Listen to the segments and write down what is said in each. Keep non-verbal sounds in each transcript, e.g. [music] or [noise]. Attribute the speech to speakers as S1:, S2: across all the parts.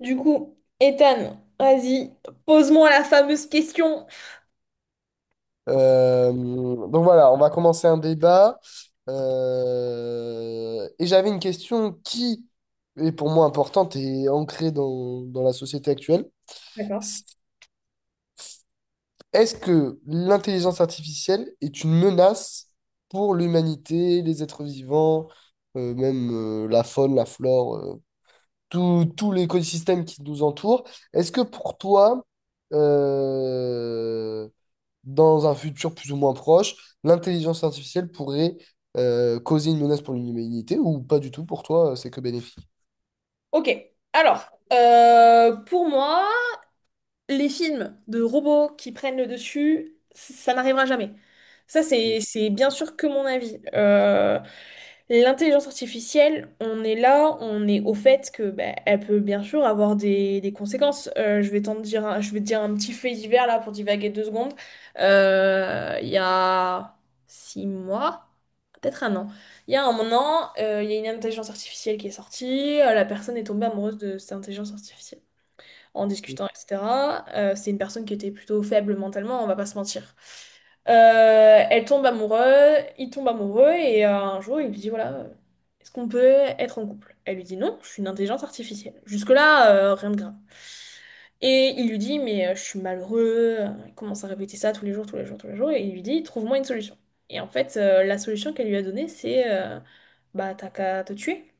S1: Du coup, Ethan, vas-y, pose-moi la fameuse question.
S2: Donc voilà, on va commencer un débat. Et j'avais une question qui est pour moi importante et ancrée dans la société actuelle.
S1: D'accord.
S2: Est-ce que l'intelligence artificielle est une menace pour l'humanité, les êtres vivants, même la faune, la flore, tout l'écosystème qui nous entoure? Est-ce que pour toi, euh, dans un futur plus ou moins proche, l'intelligence artificielle pourrait causer une menace pour l'humanité ou pas du tout pour toi, c'est que bénéfique.
S1: Ok, alors, pour moi, les films de robots qui prennent le dessus, ça n'arrivera jamais. Ça, c'est bien sûr que mon avis. L'intelligence artificielle, on est là, on est au fait que bah, elle peut bien sûr avoir des conséquences. Je vais je vais te dire un petit fait divers là pour divaguer deux secondes. Il y a six mois, peut-être un an. Il y a un an, il y a une intelligence artificielle qui est sortie. La personne est tombée amoureuse de cette intelligence artificielle en discutant, etc. C'est une personne qui était plutôt faible mentalement, on va pas se mentir. Elle tombe amoureuse, il tombe amoureux et un jour il lui dit voilà, est-ce qu'on peut être en couple? Elle lui dit non, je suis une intelligence artificielle. Jusque-là, rien de grave. Et il lui dit mais je suis malheureux, il commence à répéter ça tous les jours, tous les jours, tous les jours et il lui dit trouve-moi une solution. Et en fait, la solution qu'elle lui a donnée c'est bah t'as qu'à te tuer.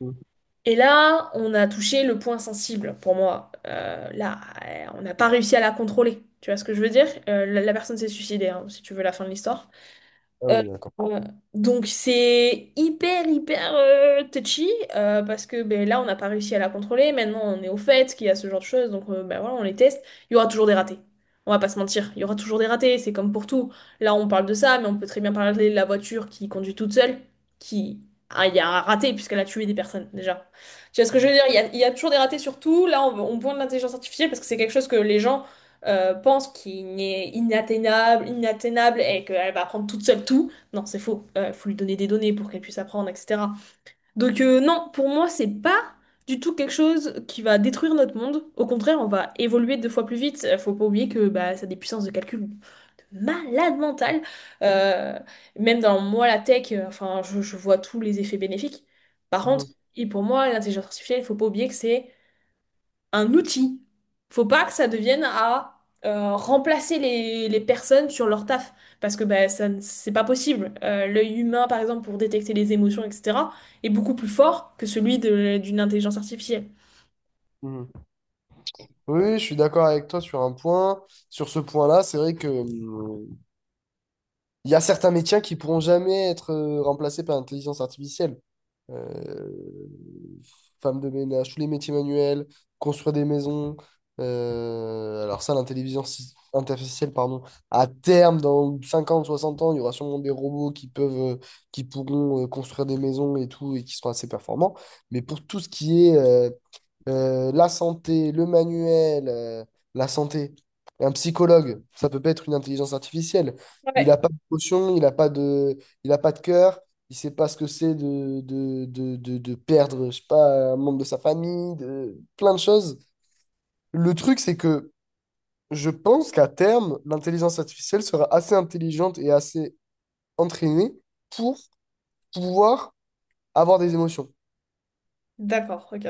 S2: Mhm.
S1: Et là, on a touché le point sensible pour moi. Là, on n'a pas réussi à la contrôler. Tu vois ce que je veux dire? La personne s'est suicidée, hein, si tu veux la fin de l'histoire.
S2: Ah
S1: Euh,
S2: oui, d'accord.
S1: euh, donc c'est hyper hyper touchy parce que ben, là on n'a pas réussi à la contrôler. Maintenant on est au fait qu'il y a ce genre de choses, donc ben, voilà on les teste. Il y aura toujours des ratés. On va pas se mentir, il y aura toujours des ratés. C'est comme pour tout. Là on parle de ça, mais on peut très bien parler de la voiture qui conduit toute seule, qui ah, il y a un raté puisqu'elle a tué des personnes déjà. Tu vois ce que je veux dire? Il y a toujours des ratés sur tout. On pointe l'intelligence artificielle parce que c'est quelque chose que les gens pense qu'il est inatteignable, inatteignable et qu'elle va apprendre toute seule tout. Non, c'est faux. Il faut lui donner des données pour qu'elle puisse apprendre, etc. Donc non, pour moi, c'est pas du tout quelque chose qui va détruire notre monde. Au contraire, on va évoluer deux fois plus vite. Faut pas oublier que bah, ça a des puissances de calcul de malade mentale. Euh, Même dans moi, la tech, enfin, je vois tous les effets bénéfiques. Par contre,
S2: Mhm.
S1: et pour moi, l'intelligence artificielle, il faut pas oublier que c'est un outil. Faut pas que ça devienne à remplacer les personnes sur leur taf, parce que bah, ça, ne- c'est pas possible. L'œil humain, par exemple, pour détecter les émotions, etc., est beaucoup plus fort que celui d'une intelligence artificielle.
S2: Mhm. Oui, je suis d'accord avec toi sur un point. Sur ce point-là, c'est vrai que il y a certains métiers qui pourront jamais être remplacés par l'intelligence artificielle. Euh, femme de ménage, tous les métiers manuels, construire des maisons. Alors ça, l'intelligence artificielle, pardon, à terme, dans 50 60 ans, il y aura sûrement des robots qui peuvent, qui pourront construire des maisons et tout, et qui seront assez performants. Mais pour tout ce qui est la santé, le manuel, la santé. Un psychologue, ça peut pas être une intelligence artificielle. Il n'a
S1: Ouais,
S2: pas de il n'a pas de, il a pas de cœur, il sait pas ce que c'est de perdre, je sais pas, un membre de sa famille, de, plein de choses. Le truc, c'est que je pense qu'à terme, l'intelligence artificielle sera assez intelligente et assez entraînée pour pouvoir avoir des émotions.
S1: d'accord, ok.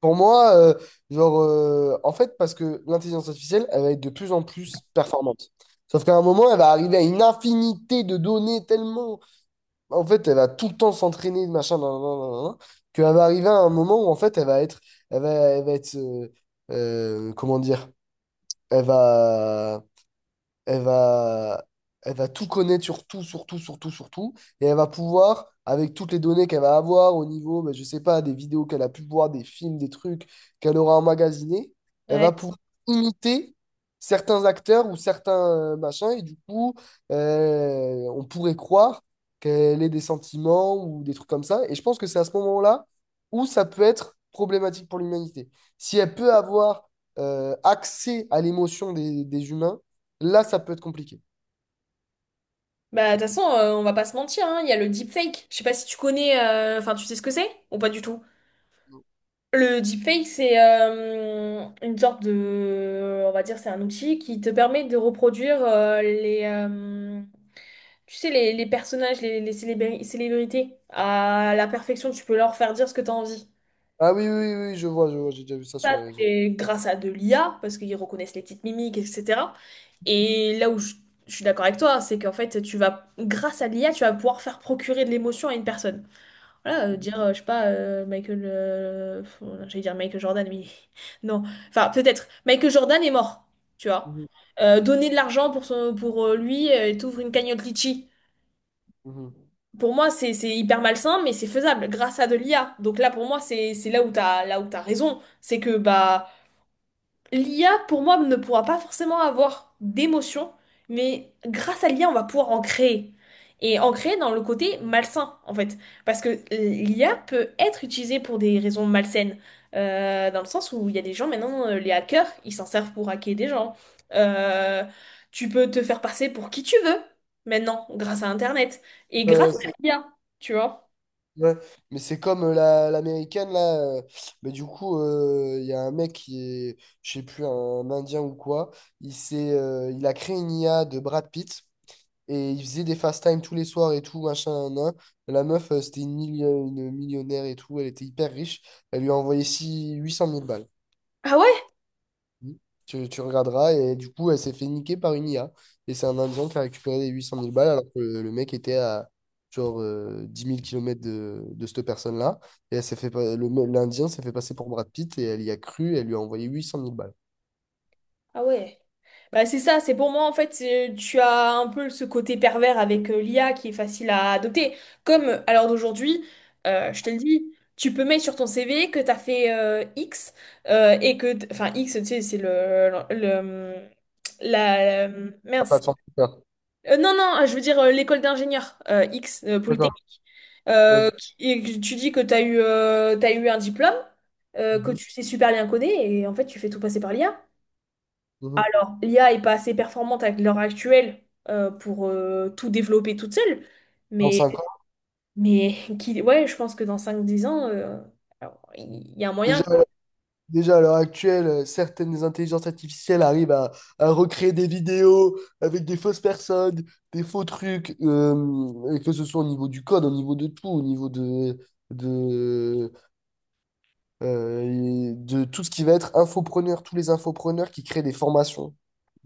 S2: Pour moi, genre, en fait, parce que l'intelligence artificielle, elle va être de plus en plus performante. Sauf qu'à un moment, elle va arriver à une infinité de données tellement. En fait, elle va tout le temps s'entraîner, machin, nan, nan, nan, nan, nan, qu'elle va arriver à un moment où, en fait, elle va être. Elle va être. Comment dire? Elle va elle va, elle va tout connaître sur tout. Et elle va pouvoir, avec toutes les données qu'elle va avoir au niveau, ben, je sais pas, des vidéos qu'elle a pu voir, des films, des trucs qu'elle aura emmagasinés, elle va
S1: Ouais.
S2: pouvoir imiter certains acteurs ou certains machins. Et du coup, on pourrait croire qu'elle ait des sentiments ou des trucs comme ça. Et je pense que c'est à ce moment-là où ça peut être problématique pour l'humanité. Si elle peut avoir accès à l'émotion des humains, là, ça peut être compliqué.
S1: Bah, de toute façon, on va pas se mentir, hein, il y a le deepfake. Je sais pas si tu connais, enfin, tu sais ce que c'est ou pas du tout? Le deepfake, c'est une sorte de, on va dire, c'est un outil qui te permet de reproduire tu sais, les personnages, célébrités à la perfection. Tu peux leur faire dire ce que tu as envie.
S2: Ah oui, je vois, J'ai déjà vu ça sur
S1: Ça,
S2: les réseaux.
S1: c'est grâce à de l'IA, parce qu'ils reconnaissent les petites mimiques, etc. Et là où je suis d'accord avec toi, c'est qu'en fait, tu vas, grâce à l'IA, tu vas pouvoir faire procurer de l'émotion à une personne. Voilà,
S2: Mhm,
S1: dire, je sais pas, Michael. J'allais dire Michael Jordan, mais [laughs] non. Enfin, peut-être. Michael Jordan est mort, tu vois.
S2: mhm,
S1: Donner de l'argent pour, son, pour lui et t'ouvres une cagnotte Litchi.
S2: mhm.
S1: Pour moi, c'est hyper malsain, mais c'est faisable grâce à de l'IA. Donc là, pour moi, c'est là où t'as raison. C'est que bah l'IA, pour moi, ne pourra pas forcément avoir d'émotion, mais grâce à l'IA, on va pouvoir en créer. Et en créer dans le côté malsain, en fait. Parce que l'IA peut être utilisée pour des raisons malsaines. Dans le sens où il y a des gens, maintenant, les hackers, ils s'en servent pour hacker des gens. Euh, Tu peux te faire passer pour qui tu veux, maintenant, grâce à Internet. Et grâce
S2: Euh,
S1: à
S2: c'est-
S1: l'IA, tu vois.
S2: ouais. Mais c'est comme la, l'américaine, là. Mais du coup, il y a un mec qui est, je sais plus, un Indien ou quoi. Il a créé une IA de Brad Pitt et il faisait des fast time tous les soirs et tout, machin, nan, nan. La meuf, c'était une millionnaire et tout. Elle était hyper riche. Elle lui a envoyé 800 000 balles.
S1: Ah ouais,
S2: Mmh. Tu regarderas. Et du coup, elle s'est fait niquer par une IA. Et c'est un Indien qui a récupéré les 800 000 balles alors que le mec était à genre 10 000 km de cette personne-là. Et elle s'est fait, pas- le, me- l'Indien s'est fait passer pour Brad Pitt et elle y a cru. Et elle lui a envoyé 800 000 balles.
S1: ah ouais. Bah, c'est ça, c'est pour moi en fait, tu as un peu ce côté pervers avec l'IA qui est facile à adopter. Comme à l'heure d'aujourd'hui, je te le dis, tu peux mettre sur ton CV que tu as fait X et que, enfin X, tu sais, c'est la,
S2: Ah, pas
S1: mince.
S2: de 100 000 balles.
S1: Non, je veux dire l'école d'ingénieur X,
S2: D'accord.
S1: Polytechnique.
S2: Ok.
S1: Et que tu dis que tu as eu, t'as eu un diplôme, que
S2: Mhm.
S1: tu sais super bien coder et en fait tu fais tout passer par l'IA.
S2: Mhm.
S1: L'IA est pas assez performante avec l'heure actuelle pour tout développer toute seule.
S2: Dans
S1: Mais,
S2: 5 ans.
S1: mais [laughs] qui, ouais, je pense que dans cinq dix ans, alors, a un moyen
S2: Déjà,
S1: que...
S2: déjà, à l'heure actuelle, certaines intelligences artificielles arrivent à recréer des vidéos avec des fausses personnes, des faux trucs, et que ce soit au niveau du code, au niveau de tout, au niveau de, euh, et de tout ce qui va être infopreneur, tous les infopreneurs qui créent des formations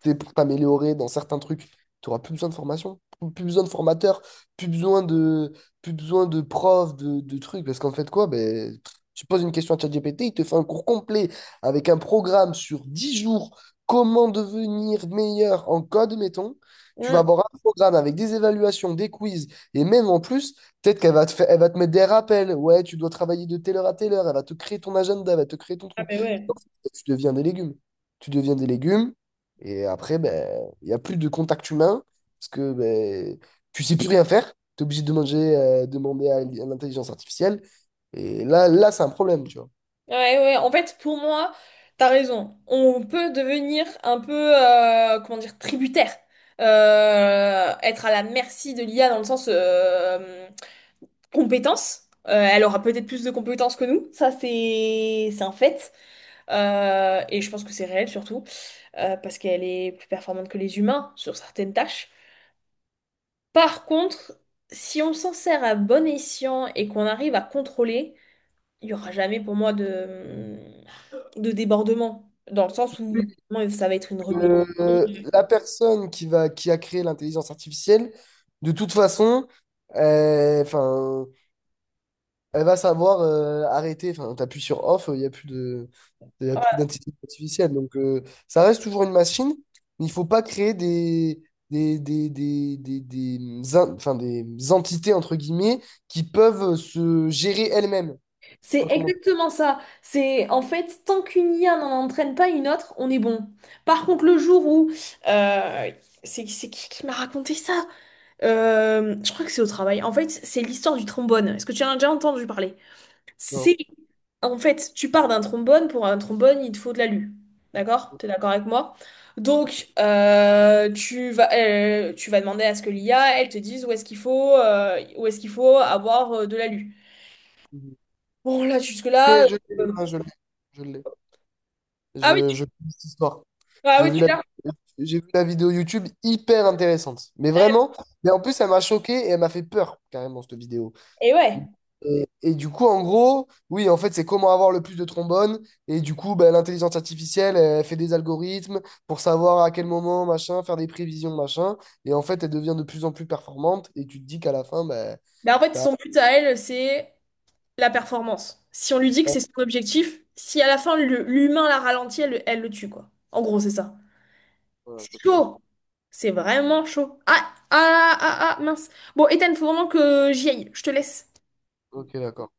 S2: t'es pour t'améliorer dans certains trucs, tu n'auras plus besoin de formation, plus besoin de formateur, plus besoin de, plus besoin de profs, de trucs. Parce qu'en fait, quoi, ben, tu poses une question à ChatGPT, il te fait un cours complet avec un programme sur 10 jours, comment devenir meilleur en code, mettons. Tu vas
S1: Hmm.
S2: avoir un programme avec des évaluations, des quiz, et même en plus, peut-être qu'elle va te faire, elle va te mettre des rappels. Ouais, tu dois travailler de telle heure à telle heure, elle va te créer ton agenda, elle va te créer ton
S1: Ah,
S2: truc.
S1: mais
S2: Et
S1: ouais.
S2: en fait, tu deviens des légumes. Tu deviens des légumes, et après, ben, il n'y a plus de contact humain parce que ben, tu sais plus rien faire. Tu es obligé de manger, demander à l'intelligence artificielle. Et là c'est un problème, tu vois.
S1: Ouais, ouais, ouais. En fait, pour moi, t'as raison. On peut devenir un peu, comment dire, tributaire. Être à la merci de l'IA dans le sens compétence. Elle aura peut-être plus de compétences que nous. Ça, c'est un fait. Et je pense que c'est réel surtout. Parce qu'elle est plus performante que les humains sur certaines tâches. Par contre, si on s'en sert à bon escient et qu'on arrive à contrôler, il y aura jamais pour moi de débordement, dans le sens où vraiment, ça va être une rébellion.
S2: Euh, la personne qui va, qui a créé l'intelligence artificielle, de toute façon, euh, enfin, elle va savoir arrêter. Enfin, t'appuies sur off, il y a plus
S1: Voilà.
S2: d'intelligence artificielle. Donc, ça reste toujours une machine, mais il ne faut pas créer des in- enfin, des entités, entre guillemets, qui peuvent se gérer elles-mêmes. Je sais
S1: C'est
S2: pas comment.
S1: exactement ça. C'est en fait, tant qu'une IA n'en entraîne pas une autre, on est bon. Par contre, le jour où euh, c'est qui m'a raconté ça? Je crois que c'est au travail. En fait, c'est l'histoire du trombone. Est-ce que tu en as déjà entendu parler?
S2: Non.
S1: C'est en fait, tu pars d'un trombone. Pour un trombone, il te faut de l'alu. D'accord? T'es d'accord avec moi? Donc, tu vas demander à ce que l'IA, elle te dise où est-ce qu'il faut, où est-ce qu'il faut avoir de l'alu.
S2: Mhm.
S1: Bon, là, jusque-là.
S2: Mais je l'ai,
S1: euh,
S2: hein, Je l'ai.
S1: Ah oui,
S2: Je, je connais cette histoire.
S1: ah
S2: J'ai
S1: oui,
S2: vu
S1: tu
S2: la,
S1: l'as.
S2: j'ai vu la vidéo YouTube hyper intéressante. Mais vraiment, mais en plus, elle m'a choqué et elle m'a fait peur, carrément, cette vidéo.
S1: Et ouais.
S2: Mm. Et du coup, en gros, oui, en fait, c'est comment avoir le plus de trombones. Et du coup, ben, l'intelligence artificielle, elle fait des algorithmes pour savoir à quel moment, machin, faire des prévisions, machin. Et en fait, elle devient de plus en plus performante. Et tu te dis qu'à la fin, ben,
S1: Mais en fait,
S2: t'as...
S1: son but à elle, c'est la performance. Si on lui dit que c'est son objectif, si à la fin, l'humain la ralentit, elle, elle le tue, quoi. En gros, c'est ça.
S2: Voilà,
S1: C'est
S2: t'as tout compris.
S1: chaud. C'est vraiment chaud. Ah, ah, ah, ah, ah, mince. Bon, Ethan, faut vraiment que j'y aille. Je te laisse.
S2: Ok, d'accord.